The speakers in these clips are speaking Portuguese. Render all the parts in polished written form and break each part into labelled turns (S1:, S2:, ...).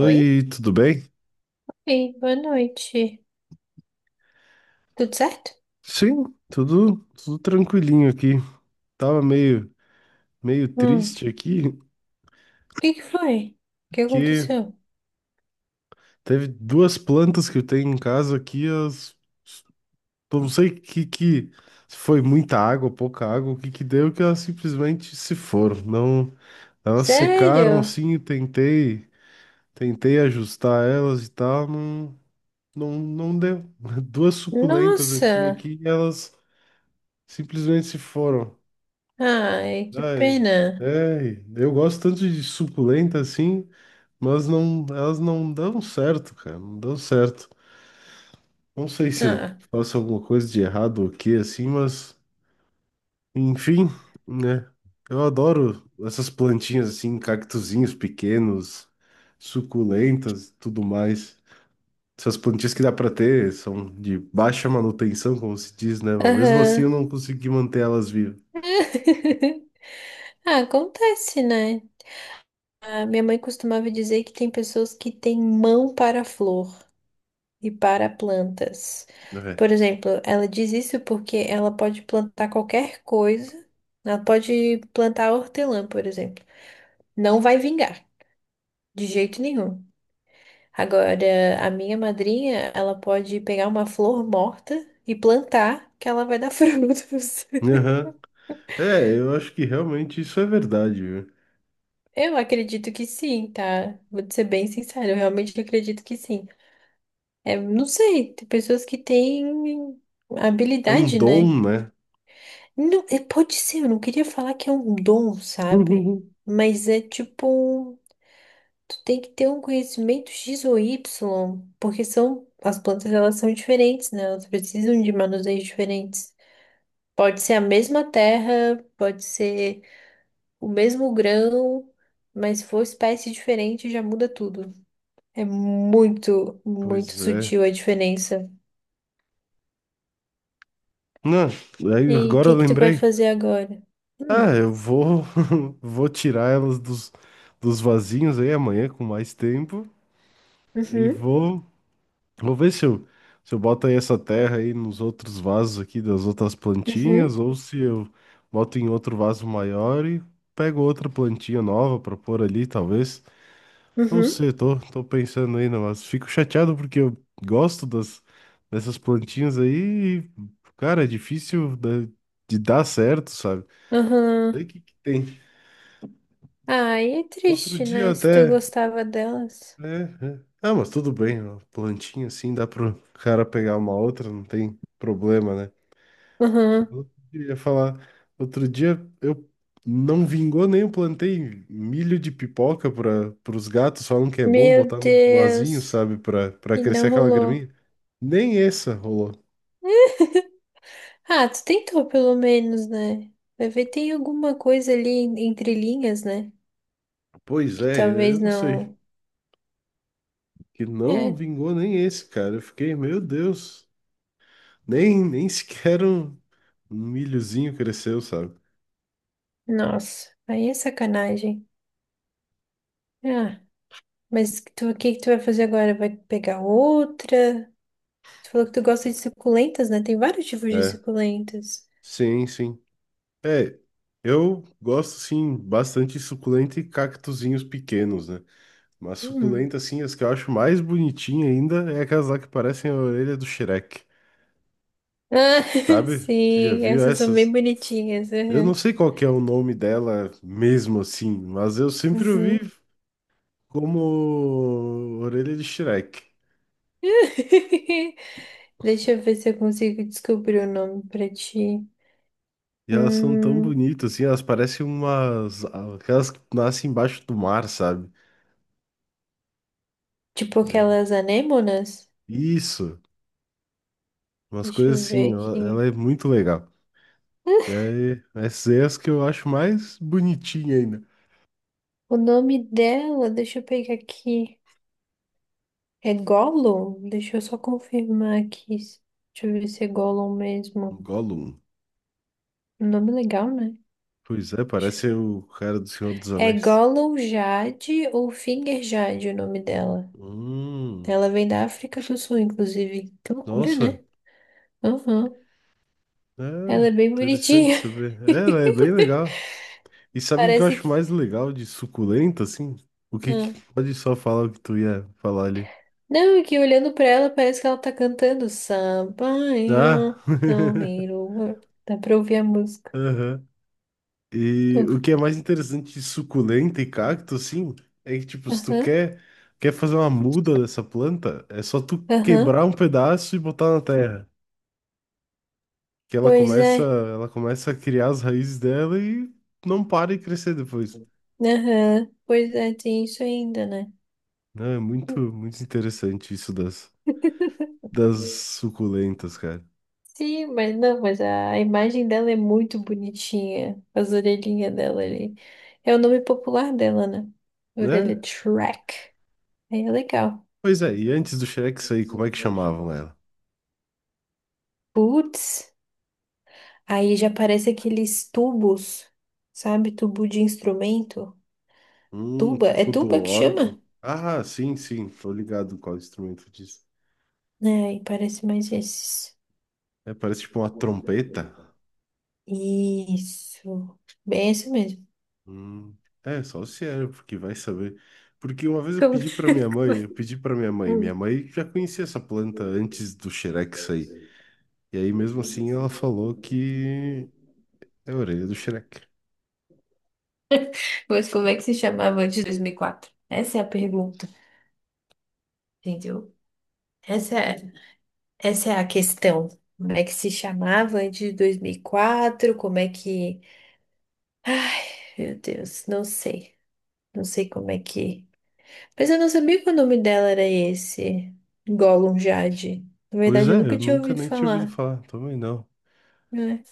S1: Oi?
S2: tudo bem?
S1: Ei, boa noite. Tudo certo?
S2: Sim, tudo, tudo, tranquilinho aqui. Tava meio
S1: O
S2: triste aqui,
S1: que que foi? O que
S2: que
S1: aconteceu?
S2: teve duas plantas que eu tenho em casa aqui, eu não sei que se foi muita água, pouca água, o que que deu, que elas simplesmente se foram. Não, elas secaram
S1: Sério?
S2: assim, eu tentei ajustar elas e tal, não, não, não deu. Duas suculentas eu tinha
S1: Nossa!
S2: aqui e elas simplesmente se foram.
S1: Ai, que
S2: Ai,
S1: pena.
S2: ai, eu gosto tanto de suculenta assim, mas não, elas não dão certo, cara, não dão certo. Não sei se
S1: Ah,
S2: faço alguma coisa de errado ou o que assim, mas enfim, né? Eu adoro essas plantinhas assim, cactuzinhos pequenos, suculentas, tudo mais. Essas plantinhas que dá pra ter são de baixa manutenção, como se diz, né? Mas mesmo assim eu
S1: aham.
S2: não consegui manter elas vivas.
S1: Ah, acontece, né? A minha mãe costumava dizer que tem pessoas que têm mão para flor e para plantas.
S2: É.
S1: Por exemplo, ela diz isso porque ela pode plantar qualquer coisa. Ela pode plantar hortelã, por exemplo. Não vai vingar. De jeito nenhum. Agora, a minha madrinha, ela pode pegar uma flor morta e plantar, que ela vai dar frutos.
S2: Aham. É, eu acho que realmente isso é verdade.
S1: Eu acredito que sim, tá? Vou te ser bem sincera, eu realmente acredito que sim. É, não sei, tem pessoas que têm
S2: É um
S1: habilidade, né?
S2: dom, né?
S1: Não, é, pode ser, eu não queria falar que é um dom, sabe? Mas é tipo um, tu tem que ter um conhecimento X ou Y, porque são as plantas, elas são diferentes, né? Elas precisam de manuseios diferentes. Pode ser a mesma terra, pode ser o mesmo grão, mas se for espécie diferente já muda tudo. É muito, muito
S2: Pois é.
S1: sutil a diferença.
S2: Não, aí
S1: E aí, o
S2: agora eu
S1: que que tu vai
S2: lembrei.
S1: fazer agora? Hum,
S2: Ah, eu vou, vou tirar elas dos, vasinhos aí amanhã com mais tempo e
S1: uhum,
S2: vou, ver se eu boto aí essa terra aí nos outros vasos aqui das outras
S1: uhum,
S2: plantinhas ou se eu boto em outro vaso maior e pego outra plantinha nova para pôr ali, talvez. Não
S1: uhum,
S2: sei, tô, pensando ainda, mas fico chateado porque eu gosto das, dessas plantinhas aí e, cara, é difícil dar certo, sabe? Sei
S1: aham.
S2: que tem.
S1: Ah, aí é
S2: Outro
S1: triste,
S2: dia
S1: né? Se tu
S2: até,
S1: gostava delas.
S2: né? é. Ah, mas tudo bem, ó, plantinha assim dá pro cara pegar uma outra, não tem problema, né?
S1: Aham.
S2: Eu ia falar, outro dia eu não vingou nem eu plantei milho de pipoca para os gatos, falam que é bom
S1: Meu
S2: botar no vasinho,
S1: Deus.
S2: sabe, para
S1: E
S2: crescer
S1: não
S2: aquela
S1: rolou.
S2: graminha. Nem essa rolou.
S1: Ah, tu tentou pelo menos, né? Vai ver, tem alguma coisa ali entre linhas, né?
S2: Pois
S1: Que
S2: é,
S1: talvez
S2: eu não sei,
S1: não.
S2: que não
S1: É,
S2: vingou nem esse, cara. Eu fiquei, meu Deus, nem sequer um milhozinho cresceu, sabe?
S1: nossa, aí é sacanagem. Ah, mas tu, o que que tu vai fazer agora? Vai pegar outra? Tu falou que tu gosta de suculentas, né? Tem vários tipos de
S2: É,
S1: suculentas.
S2: sim, sim. É, eu gosto sim bastante de suculenta e cactuzinhos pequenos, né? Mas
S1: Hum.
S2: suculenta, assim, as que eu acho mais bonitinha ainda é aquelas lá que parecem a orelha do Shrek,
S1: Ah,
S2: sabe? Tu já
S1: sim,
S2: viu
S1: essas são bem
S2: essas?
S1: bonitinhas.
S2: Eu não
S1: Aham.
S2: sei qual que é o nome dela mesmo assim, mas eu sempre
S1: Uhum.
S2: ouvi como orelha de Shrek.
S1: Deixa eu ver se eu consigo descobrir o nome pra ti.
S2: E elas são tão
S1: Hum.
S2: bonitas, assim, elas parecem umas aquelas que nascem embaixo do mar, sabe?
S1: Tipo
S2: Bem,
S1: aquelas anêmonas.
S2: isso, umas
S1: Deixa
S2: coisas
S1: eu
S2: assim,
S1: ver
S2: ela,
S1: aqui.
S2: ela é muito legal. E aí, essas aí é as que eu acho mais bonitinha ainda.
S1: O nome dela, deixa eu pegar aqui. É Gollum? Deixa eu só confirmar aqui. Deixa eu ver se é Gollum mesmo.
S2: Gollum.
S1: Um nome legal, né?
S2: Pois é,
S1: Deixa eu-
S2: parece o cara do Senhor dos
S1: É
S2: Anéis.
S1: Gollum Jade ou Finger Jade o nome dela.
S2: Hum,
S1: Ela vem da África do Sul, inclusive. Que loucura,
S2: nossa,
S1: né? Aham.
S2: é
S1: Ela é bem
S2: interessante
S1: bonitinha.
S2: saber. É, né, é bem legal. E sabe o que eu
S1: Parece
S2: acho
S1: que.
S2: mais legal de suculenta, assim? O que, que- pode só falar o que tu ia falar ali.
S1: Não, é que olhando pra ela parece que ela tá cantando samba,
S2: Ah,
S1: ó, não me lua. Dá pra ouvir a música.
S2: aham. E
S1: Uh,
S2: o que é mais interessante de suculenta e cacto, assim, é que, tipo, se tu
S1: Aham,
S2: quer, fazer uma muda dessa planta, é só tu
S1: aham.
S2: quebrar um pedaço e botar na terra. Que ela
S1: Pois
S2: começa,
S1: é,
S2: ela começa a criar as raízes dela e não para e crescer depois.
S1: aham. Pois é, tem isso ainda, né?
S2: Não, é muito, muito interessante isso das, das suculentas, cara.
S1: Sim, mas não, mas a imagem dela é muito bonitinha. As orelhinhas dela ali. É o nome popular dela, né?
S2: Né?
S1: Orelha de Shrek. Aí é legal.
S2: Pois é, e antes do Shrek sair, como é que chamavam ela?
S1: Putz, aí já parece aqueles tubos, sabe? Tubo de instrumento. Tuba? É
S2: Tipo do
S1: tuba que
S2: órgão.
S1: chama?
S2: Ah, sim, sim, tô ligado qual instrumento diz.
S1: É, aí parece mais esses.
S2: É, parece tipo uma trompeta.
S1: Isso. Bem, é isso mesmo.
S2: Hum, é, só se é, porque vai saber. Porque uma vez eu
S1: Como-
S2: pedi pra minha mãe, minha
S1: Hum.
S2: mãe já conhecia essa planta antes do Shrek sair. E aí, mesmo assim, ela falou que é a orelha do Shrek.
S1: Mas como é que se chamava antes de 2004? Essa é a pergunta, entendeu? Essa é, essa é a questão. Como é que se chamava antes de 2004? Como é que. Ai, meu Deus, não sei. Não sei como é que. Mas eu não sabia que o nome dela era esse. Gollum Jade. Na
S2: Pois
S1: verdade, eu
S2: é,
S1: nunca
S2: eu
S1: tinha
S2: nunca
S1: ouvido
S2: nem tinha ouvido
S1: falar,
S2: falar, também não.
S1: né?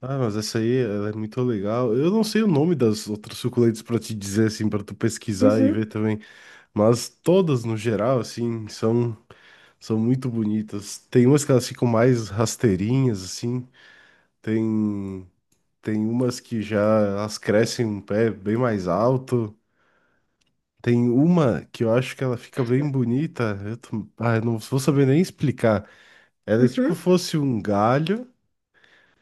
S2: Ah, mas essa aí, ela é muito legal. Eu não sei o nome das outras suculentas pra te dizer, assim, pra tu pesquisar e ver
S1: Uhum,
S2: também. Mas todas, no geral, assim, são, muito bonitas. Tem umas que elas ficam mais rasteirinhas, assim. Tem, tem umas que já elas crescem um pé bem mais alto. Tem uma que eu acho que ela fica bem bonita. Ah, eu não vou saber nem explicar. Ela é tipo
S1: uhum.
S2: fosse um galho,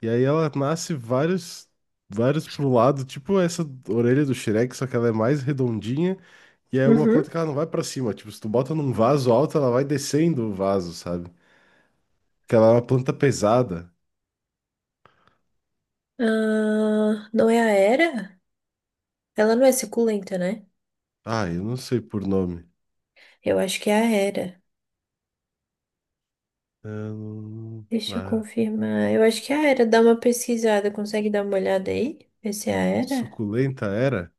S2: e aí ela nasce vários, vários pro lado, tipo essa orelha do Shrek, só que ela é mais redondinha. E é uma
S1: Uhum.
S2: planta que ela não vai pra cima. Tipo, se tu bota num vaso alto, ela vai descendo o vaso, sabe? Que ela é uma planta pesada.
S1: Ah, não é a Hera? Ela não é suculenta, né?
S2: Ah, eu não sei por nome.
S1: Eu acho que é a Hera.
S2: Eu não-
S1: Deixa eu
S2: Ah,
S1: confirmar. Eu acho que é a Hera. Dá uma pesquisada. Consegue dar uma olhada aí? Ver se é a Hera?
S2: suculenta era?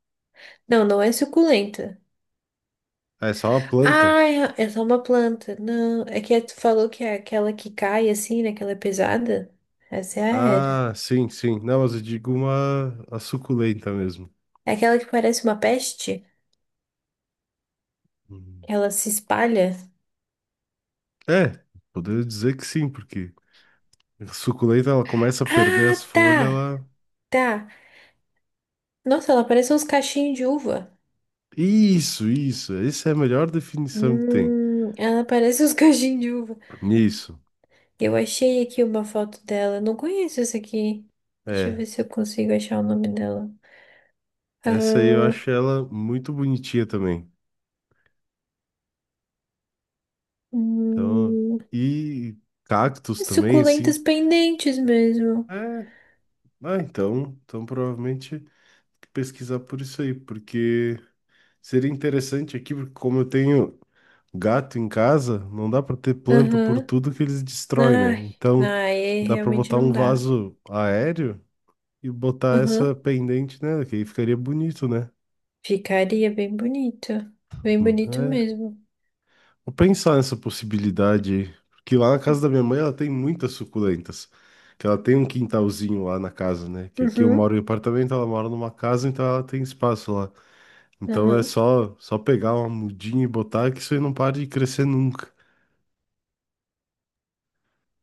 S1: Não, não é suculenta.
S2: Ah, é só uma planta.
S1: Ah, é só uma planta. Não, é que tu falou que é aquela que cai assim, né? Que ela é pesada. Essa é a Hera.
S2: Ah, sim, sim. Não, mas eu digo uma a suculenta mesmo.
S1: É aquela que parece uma peste?
S2: Uhum.
S1: Que ela se espalha?
S2: É, poderia dizer que sim, porque a suculenta ela começa a perder
S1: Ah,
S2: as folhas,
S1: tá!
S2: ela.
S1: Tá. Nossa, ela parece uns cachinhos de uva.
S2: Isso, isso. Essa é a melhor definição que tem.
S1: Ela parece os cachimbo de uva.
S2: Isso.
S1: Eu achei aqui uma foto dela. Não conheço essa aqui. Deixa eu
S2: É.
S1: ver se eu consigo achar o nome dela.
S2: Essa aí eu
S1: Ah,
S2: acho ela muito bonitinha também. Então,
S1: hum,
S2: e cactos também,
S1: suculentas
S2: assim.
S1: pendentes mesmo.
S2: É, ah, então, provavelmente pesquisar por isso aí, porque seria interessante aqui, porque como eu tenho gato em casa, não dá para ter planta por
S1: Aham.
S2: tudo que eles destroem, né?
S1: Ai,
S2: Então,
S1: ai, é,
S2: dá para
S1: realmente
S2: botar
S1: não
S2: um
S1: dá.
S2: vaso aéreo e botar essa
S1: Aham.
S2: pendente nela, que aí ficaria bonito, né?
S1: Ficaria bem bonito. Bem bonito
S2: É,
S1: mesmo.
S2: vou pensar nessa possibilidade, aí, porque lá na casa da minha mãe ela tem muitas suculentas, que ela tem um quintalzinho lá na casa, né? Que aqui eu
S1: Uhum.
S2: moro em apartamento, ela mora numa casa, então ela tem espaço lá. Então é
S1: Aham.
S2: só pegar uma mudinha e botar que isso aí não para de crescer nunca.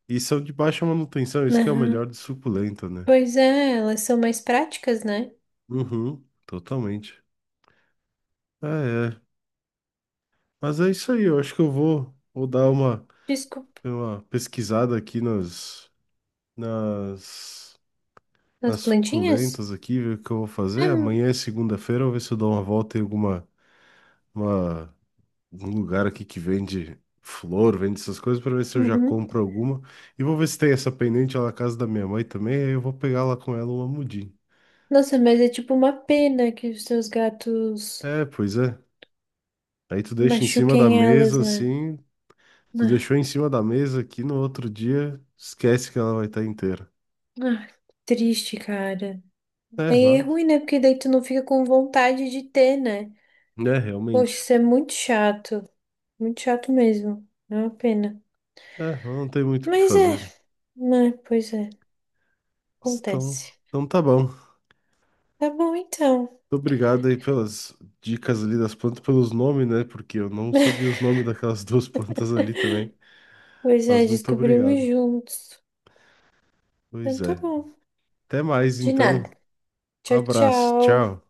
S2: E são de baixa manutenção, isso que é o
S1: Aham.
S2: melhor de suculenta, né?
S1: Pois é, elas são mais práticas, né?
S2: Uhum, totalmente. É, é. Mas é isso aí, eu acho que eu vou, dar uma,
S1: Desculpa.
S2: uma pesquisada aqui nas,
S1: As
S2: nas
S1: plantinhas?
S2: suculentas aqui, ver o que eu vou
S1: É,
S2: fazer. Amanhã é segunda-feira, eu vou ver se eu dou uma volta em uma, um lugar aqui que vende flor, vende essas coisas, para ver se eu já
S1: uhum.
S2: compro alguma. E vou ver se tem essa pendente lá na casa da minha mãe também, aí eu vou pegar lá com ela uma mudinha.
S1: Nossa, mas é tipo uma pena que os seus gatos
S2: É, pois é. Aí tu deixa em cima da
S1: machuquem elas,
S2: mesa
S1: né?
S2: assim, tu
S1: Ah,
S2: deixou em cima da mesa aqui no outro dia, esquece que ela vai estar inteira.
S1: ah, que triste, cara.
S2: É,
S1: Aí é
S2: mas,
S1: ruim, né? Porque daí tu não fica com vontade de ter, né?
S2: né,
S1: Poxa,
S2: realmente.
S1: isso é muito chato. Muito chato mesmo. É uma pena.
S2: É, não tem muito o que
S1: Mas é,
S2: fazer.
S1: né? Pois é,
S2: Então,
S1: acontece.
S2: então tá bom.
S1: Tá bom então.
S2: Muito obrigado aí pelas dicas ali das plantas, pelos nomes, né? Porque eu não sabia os nomes daquelas duas plantas ali também.
S1: Pois é,
S2: Mas muito
S1: descobrimos
S2: obrigado.
S1: juntos. Então
S2: Pois
S1: tá
S2: é.
S1: bom.
S2: Até mais
S1: De nada.
S2: então. Um
S1: Tchau,
S2: abraço.
S1: tchau.
S2: Tchau.